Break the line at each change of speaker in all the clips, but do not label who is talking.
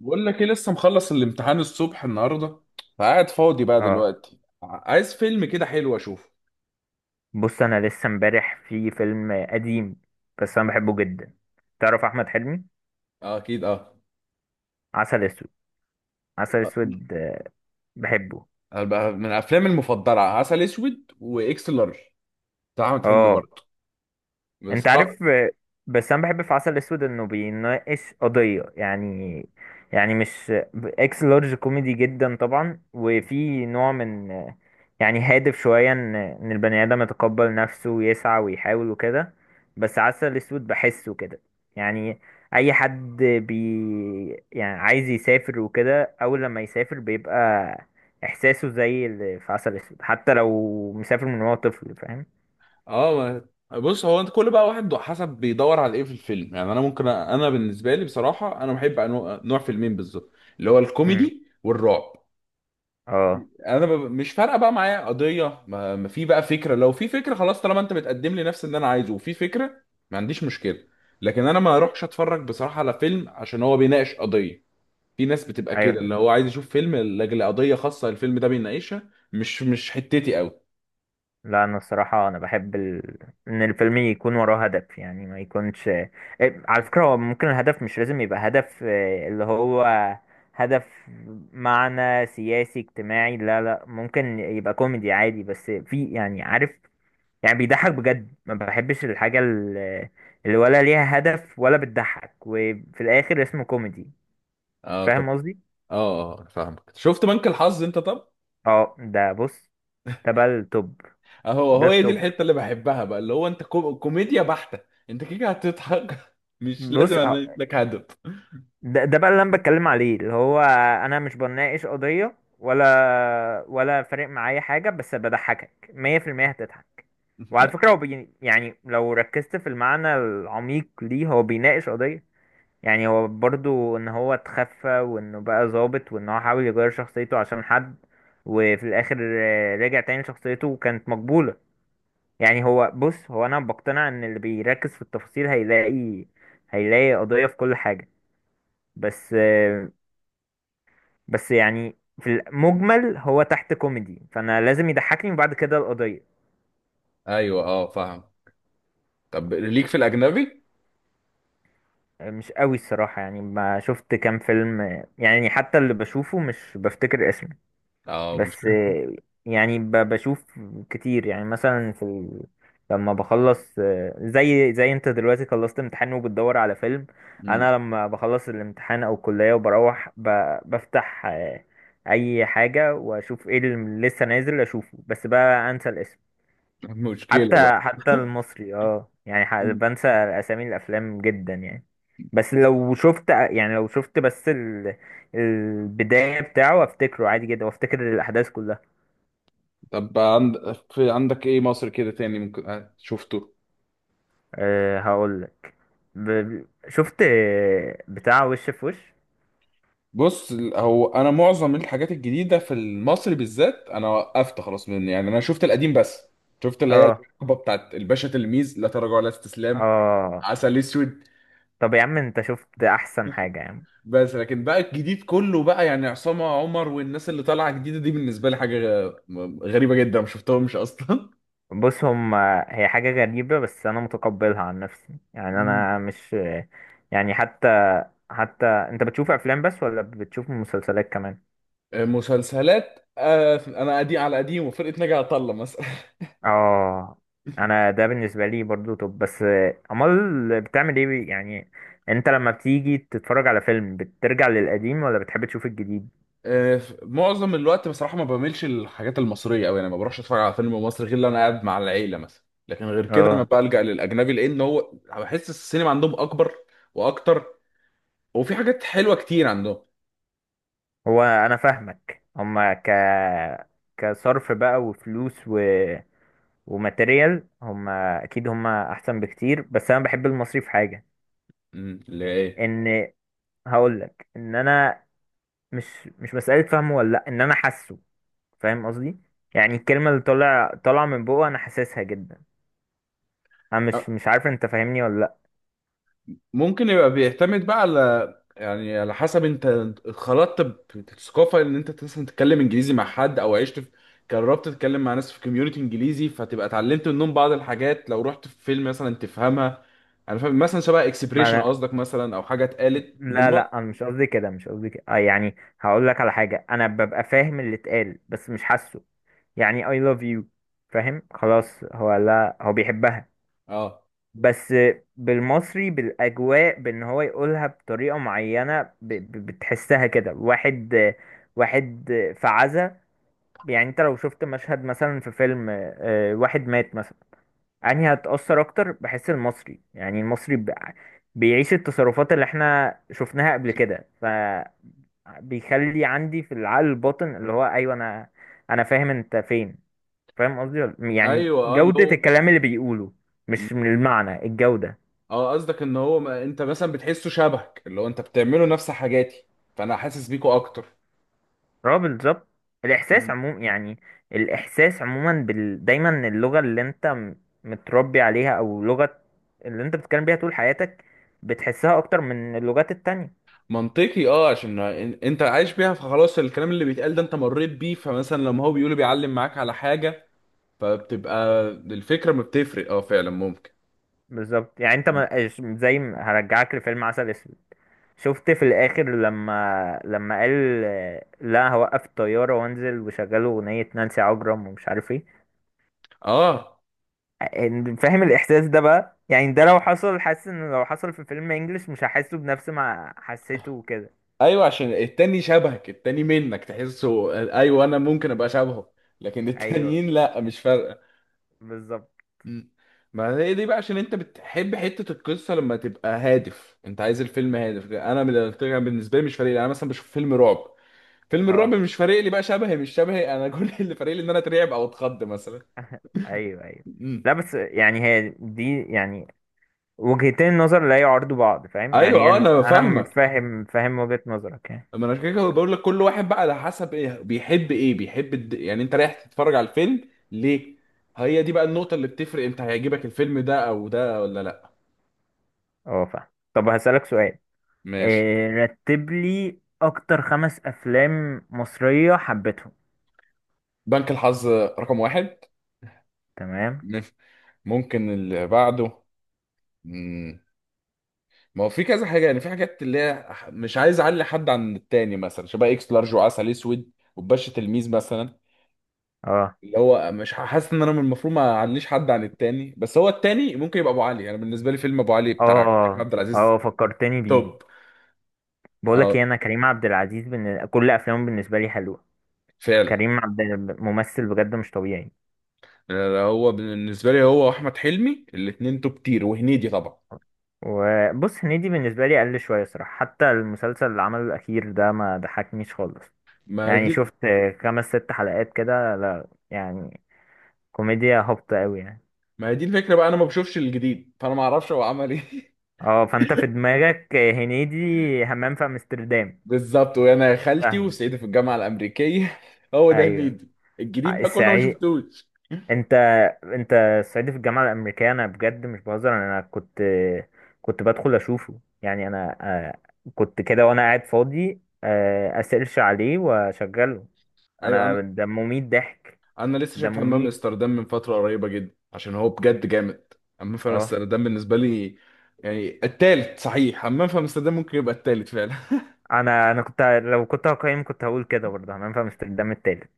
بقول لك ايه، لسه مخلص الامتحان الصبح النهارده. فقاعد فاضي بقى
اه،
دلوقتي عايز فيلم كده حلو اشوفه.
بص انا لسه امبارح في فيلم قديم، بس انا بحبه جدا. تعرف احمد حلمي؟
آه، اكيد اه.
عسل اسود. عسل
آه،
اسود، بحبه.
هبقى من افلامي المفضله عسل اسود واكس لارج بتاع احمد حلمي
اه
برضه. بس
انت
اه.
عارف؟ بس انا بحب في عسل اسود انه بيناقش قضية، يعني مش اكس لارج كوميدي جدا طبعا، وفي نوع من يعني هادف شوية، ان البني ادم يتقبل نفسه ويسعى ويحاول وكده. بس عسل اسود بحسه كده، يعني اي حد يعني عايز يسافر وكده، اول لما يسافر بيبقى احساسه زي اللي في عسل اسود، حتى لو مسافر من وهو طفل. فاهم؟
اه، بص هو انت كل بقى واحد حسب بيدور على ايه في الفيلم، يعني انا بالنسبه لي بصراحه انا بحب نوع فيلمين بالظبط، اللي هو
مم.
الكوميدي والرعب.
اه
مش فارقه بقى معايا قضيه، ما في بقى فكره، لو في فكره خلاص طالما انت بتقدم لي نفس اللي انا عايزه وفي فكره، ما عنديش مشكله. لكن انا ما اروحش اتفرج بصراحه على فيلم عشان هو بيناقش قضيه. في ناس بتبقى كده
ايوه.
اللي هو عايز يشوف فيلم لاجل قضيه خاصه الفيلم ده بيناقشها، مش حتتي قوي.
لا انا الصراحه انا بحب ان الفيلم يكون وراه هدف، يعني ما يكونش على فكره هو ممكن الهدف مش لازم يبقى هدف اللي هو هدف معنى سياسي اجتماعي. لا لا، ممكن يبقى كوميدي عادي، بس في، يعني عارف، يعني بيضحك بجد. ما بحبش الحاجه اللي ولا ليها هدف ولا بتضحك وفي الاخر اسمه كوميدي.
اه طب.
فاهم قصدي؟
اه اه اه، فاهمك. شفت بنك الحظ انت؟ طب
اه ده، بص ده بقى التوب.
اهو
ده
هو هي دي
التوب.
الحته اللي بحبها بقى، اللي هو انت كوميديا بحته. انت كده هتضحك مش لازم
بص
انا لك هدف.
ده بقى اللي انا بتكلم عليه، اللي هو انا مش بناقش قضية ولا فارق معايا حاجة، بس بضحكك 100% هتضحك. وعلى
لا.
فكرة هو يعني لو ركزت في المعنى العميق ليه، هو بيناقش قضية، يعني هو برضو ان هو اتخفى، وانه بقى ظابط، وان هو حاول يغير شخصيته عشان حد، وفي الاخر رجع تاني لشخصيته وكانت مقبولة. يعني هو، بص هو، انا بقتنع ان اللي بيركز في التفاصيل هيلاقي، قضية في كل حاجة. بس بس يعني في المجمل هو تحت كوميدي، فانا لازم يضحكني وبعد كده القضية.
ايوه اه، فاهم. طب ليك في الأجنبي؟
مش قوي الصراحة، يعني ما شفت كام فيلم. يعني حتى اللي بشوفه مش بفتكر اسمه.
اه مش.
بس يعني بشوف كتير، يعني مثلا في لما بخلص، زي انت دلوقتي خلصت امتحان وبتدور على فيلم.
مم.
انا لما بخلص الامتحان او الكلية وبروح بفتح اي حاجة واشوف ايه اللي لسه نازل اشوفه. بس بقى انسى الاسم.
مشكلة بقى.
حتى المصري، اه يعني
مم.
بنسى اسامي الافلام جدا يعني. بس لو شفت، يعني لو شفت بس البداية بتاعه افتكره عادي جدا وافتكر الاحداث كلها.
طب في عندك ايه مصر كده تاني ممكن شفته؟
أه هقول لك، ب... شفت بتاع وش في وش.
بص، هو انا معظم الحاجات الجديدة في المصري بالذات انا وقفت خلاص، من يعني انا شفت القديم بس. شفت اللي هي
اه
الحقبة بتاعت الباشا تلميذ، لا تراجع ولا استسلام،
اه.
عسل اسود.
طب يا عم انت شفت احسن حاجة يا عم.
بس لكن بقى الجديد كله بقى، يعني عصام عمر والناس اللي طالعة جديدة دي بالنسبة لي حاجة غريبة جدا، ما شفتهمش اصلا.
بص هم، هي حاجة غريبة بس أنا متقبلها عن نفسي. يعني أنا مش، يعني حتى، أنت بتشوف أفلام بس ولا بتشوف مسلسلات كمان؟
مسلسلات، انا قديم على قديم، وفرقه ناجي عطا الله مثلا.
آه أنا ده بالنسبة لي برضو. طب بس أمال بتعمل إيه يعني أنت لما بتيجي تتفرج على فيلم بترجع للقديم ولا بتحب تشوف الجديد؟
معظم الوقت بصراحه ما بعملش الحاجات المصريه قوي، انا ما بروحش اتفرج على فيلم مصري غير لو انا قاعد مع العيله مثلا، لكن غير كده انا
آه
بلجأ للاجنبي لان هو بحس السينما عندهم اكبر واكتر، وفي حاجات حلوه كتير عندهم.
هو أنا فاهمك. هما كصرف بقى وفلوس وماتيريال، هم اكيد هم احسن بكتير، بس انا بحب المصري في حاجه.
اللي هي ايه؟
ان هقول لك ان انا، مش مش مساله فهمه ولا لا، ان انا حاسه. فاهم قصدي؟ يعني الكلمه اللي طالعه من بقه انا حاسسها جدا. انا مش عارف انت فاهمني ولا لا.
ممكن يبقى بيعتمد بقى على، يعني على حسب انت اتخلطت بثقافه، ان انت مثلا تتكلم انجليزي مع حد او عشت في، جربت تتكلم مع ناس في كوميونتي انجليزي، فتبقى اتعلمت منهم بعض الحاجات، لو رحت في فيلم مثلا تفهمها. انا فاهم مثلا شبه
ما
اكسبريشن
أنا،
قصدك مثلا، او حاجه اتقالت
لا
بالمصري.
لا، انا مش قصدي كده، مش قصدي كده، آه يعني هقول لك على حاجه، انا ببقى فاهم اللي اتقال بس مش حاسه. يعني I love you، فاهم؟ خلاص هو، لا هو بيحبها،
اه
بس بالمصري بالاجواء، بان هو يقولها بطريقه معينه، بتحسها كده. واحد، واحد في عزا، يعني انت لو شفت مشهد مثلا في فيلم واحد مات مثلا. انهي هتأثر اكتر بحس المصري. يعني المصري بيعيش التصرفات اللي احنا شفناها قبل كده، ف بيخلي عندي في العقل الباطن اللي هو ايوه انا، فاهم انت فين. فاهم قصدي يعني
ايوه اه، اللي
جودة
هو.
الكلام اللي بيقوله، مش من المعنى الجودة.
اه، قصدك ان هو، ما انت مثلا بتحسه شبهك، اللي هو انت بتعمله نفس حاجاتي فانا حاسس بيكوا اكتر.
اه بالظبط. الاحساس عموما يعني، الاحساس عموما دايما اللغه اللي انت متربي عليها، او لغه اللي انت بتتكلم بيها طول حياتك، بتحسها اكتر من اللغات التانية.
منطقي اه، عشان انت عايش بيها فخلاص الكلام اللي بيتقال ده انت مريت بيه، فمثلا لما هو بيقوله بيعلم معاك على حاجة، فبتبقى الفكرة ما بتفرق اه فعلا، ممكن.
بالظبط. يعني انت
م.
ما... ش- زي ما هرجعك لفيلم عسل اسود. شفت في الاخر لما قال لا هوقف الطياره وانزل، وشغلوا اغنيه نانسي عجرم ومش عارف ايه.
اه
فاهم الاحساس ده بقى، يعني ده لو حصل، حاسس ان لو حصل في فيلم انجلش مش هحسه بنفس ما حسيته وكده.
ايوه، عشان التاني شبهك، التاني منك تحسه. ايوه، انا ممكن ابقى شبهه، لكن
ايوه
التانيين لا، مش فارقة.
بالظبط.
م. ما هي دي بقى، عشان انت بتحب حتة القصة لما تبقى هادف، انت عايز الفيلم هادف، انا بالنسبة لي مش فارق لي. انا مثلا بشوف فيلم رعب، فيلم الرعب
اه
مش فارق لي بقى شبهي مش شبهي، انا كل اللي فارق لي ان انا اترعب او اتخض مثلا.
ايوه ايوه.
امم
لا بس يعني هي دي، يعني وجهتين النظر لا يعارضوا بعض، فاهم
ايوه
يعني؟
اه،
انا،
انا فاهمك.
فاهم وجهة نظرك يعني.
ما انا عشان كده بقول لك كل واحد بقى على حسب ايه بيحب، ايه بيحب يعني انت رايح تتفرج على الفيلم ليه. هي دي بقى النقطة اللي بتفرق انت هيعجبك الفيلم ده او ده ولا لا.
اه فاهم. طب هسألك سؤال.
ماشي.
إيه، رتب لي اكتر 5 افلام مصرية حبيتهم.
بنك الحظ رقم واحد.
تمام.
ماشي. ممكن اللي بعده. مم. ما هو في كذا حاجه يعني، في حاجات اللي هي مش عايز اعلي حد عن التاني، مثلا شبه اكس لارج وعسل اسود وباشا تلميذ مثلا،
اه
اللي هو مش حاسس ان انا من المفروض ما اعليش حد عن التاني، بس هو التاني ممكن يبقى ابو علي. انا يعني بالنسبه لي فيلم ابو علي بتاع كريم
اه
عبد العزيز،
اه، فكرتني
توب.
بيه. بقولك
اه
ايه، انا كريم عبد العزيز كل افلامه بالنسبة لي حلوة.
فعلا.
كريم عبد، ممثل بجد مش طبيعي.
آه، هو بالنسبه لي هو واحمد حلمي الاثنين توب تير، وهنيدي طبعا.
وبص هنيدي بالنسبة لي قل شوية صراحة، حتى المسلسل اللي عمله الأخير ده ما ضحكنيش خالص.
ما هي
يعني
دي
شفت 5 6 حلقات كده، لا يعني كوميديا هابطة أوي يعني.
ما هي دي الفكره بقى، انا ما بشوفش الجديد فانا ما اعرفش هو عمل ايه.
اه فانت في دماغك هنيدي همام في أمستردام.
بالظبط، وانا يا خالتي
فاهم.
وسعيد في الجامعه الامريكيه هو ده
أيوه.
هنيدي. الجديد بقى كله ما
السعيد،
شفتوش.
انت، الصعيدي في الجامعة الأمريكية. أنا بجد مش بهزر، أنا كنت، بدخل أشوفه يعني، أنا كنت كده وأنا قاعد فاضي، أسيرش عليه وأشغله.
ايوه، انا
انا ده مميت ضحك،
انا لسه
ده
شايف حمام
مميت.
امستردام من فتره قريبه جدا عشان هو بجد جامد. حمام في
اه
امستردام بالنسبه لي، يعني التالت صحيح، حمام في امستردام ممكن يبقى التالت فعلا.
انا، كنت لو كنت هقيم كنت هقول كده برضه، هننفع امستردام التالت،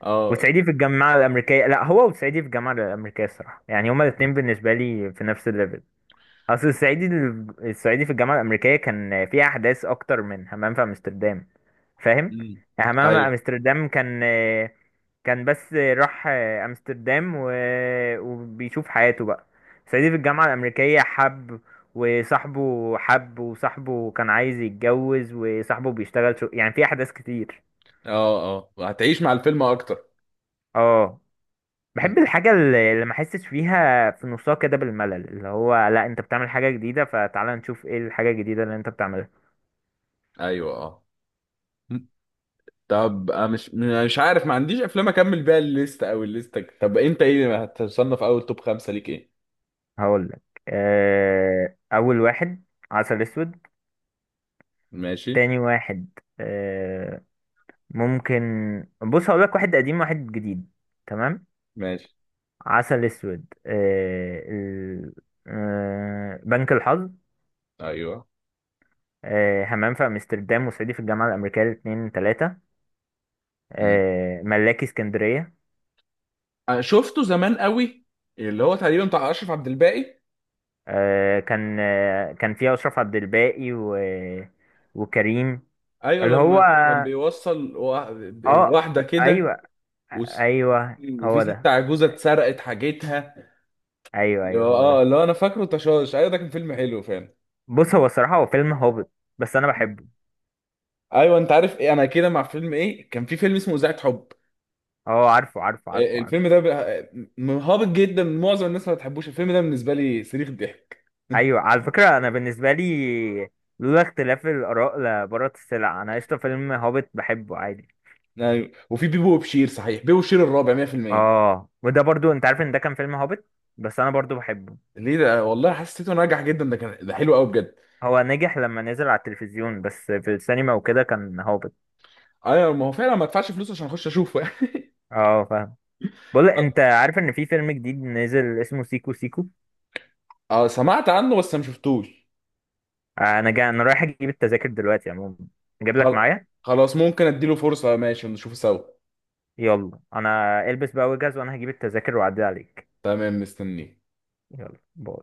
اه.
وصعيدي في الجامعه الامريكيه. لا هو، وصعيدي في الجامعه الامريكيه الصراحه، يعني هما الاثنين بالنسبه لي في نفس الليفل. اصل الصعيدي، الصعيدي في الجامعه الامريكيه كان فيه احداث اكتر من همام في امستردام، فاهم؟
أمم.
همام في
ايوه،
امستردام كان، كان بس راح امستردام وبيشوف حياته بقى. صعيدي في الجامعة الأمريكية حب، وصاحبه حب، وصاحبه كان عايز يتجوز، وصاحبه بيشتغل يعني في أحداث كتير.
اه هتعيش مع الفيلم اكتر.
اه
أمم.
بحب الحاجة اللي ما احسش فيها في نصها كده بالملل، اللي هو لا انت بتعمل حاجة جديدة فتعالى نشوف ايه الحاجة الجديدة اللي انت بتعملها.
ايوه اه. أمم. طب أنا مش عارف، ما عنديش افلام اكمل بيها الليست او الليستك. طب انت ايه هتصنف؟ اول توب خمسة ليك ايه؟
هقولك، أول واحد عسل أسود.
ماشي.
تاني واحد، آه، ممكن، بص هقول لك واحد قديم واحد جديد. تمام.
ماشي.
عسل اسود، بنك الحظ،
ايوه.
همام في امستردام وصعيدي في الجامعه الامريكيه الاثنين ثلاثه،
امم
ملاكي اسكندريه.
أنا شفته زمان قوي، اللي هو تقريبا بتاع اشرف عبد الباقي.
كان، كان فيها اشرف عبد الباقي وكريم.
ايوه
اللي هو،
لما كان بيوصل
اه
واحده كده،
ايوه
وس-
ايوه
وفي
هو
ست
ده.
عجوزه اتسرقت حاجتها،
ايوه
اللي
ايوه
هو-
هو
اه
ده.
اللي هو انا فاكره تشاش. ايوه، ده كان فيلم حلو فعلا.
بص هو الصراحه هو فيلم هابط، بس انا
مم.
بحبه.
ايوه، انت عارف ايه، انا كده مع فيلم. ايه كان في فيلم اسمه اذاعه حب،
اه، عارفه عارفه
آه،
عارفه عارفه.
الفيلم ده هابط جدا، معظم الناس ما بتحبوش الفيلم ده، بالنسبه لي صريخ ضحك.
ايوه على فكره انا بالنسبه لي، لولا اختلاف الاراء لبارت السلع. انا قشطه، فيلم هوبت بحبه عادي.
ايوه وفي بيبو وبشير، صحيح بيبو وبشير الرابع 100%.
اه، وده برضو انت عارف ان ده كان فيلم هوبت، بس انا برضو بحبه.
ليه؟ ده والله حسيته ناجح جدا، ده كان ده حلو قوي بجد.
هو نجح لما نزل على التلفزيون، بس في السينما وكده كان هوبت.
ايوه ما هو فعلا، ما ادفعش فلوس عشان اخش اشوفه يعني.
اه فاهم. بقول، انت عارف ان في فيلم جديد نزل اسمه سيكو سيكو؟
اه، سمعت عنه بس ما شفتوش.
انا انا رايح اجيب التذاكر دلوقتي عموما، اجيب لك
خل-
معايا.
خلاص ممكن اديله فرصة، ماشي نشوفه سوا.
يلا انا البس بقى واجهز، وانا هجيب التذاكر واعدي عليك.
تمام، مستنيه.
يلا باي.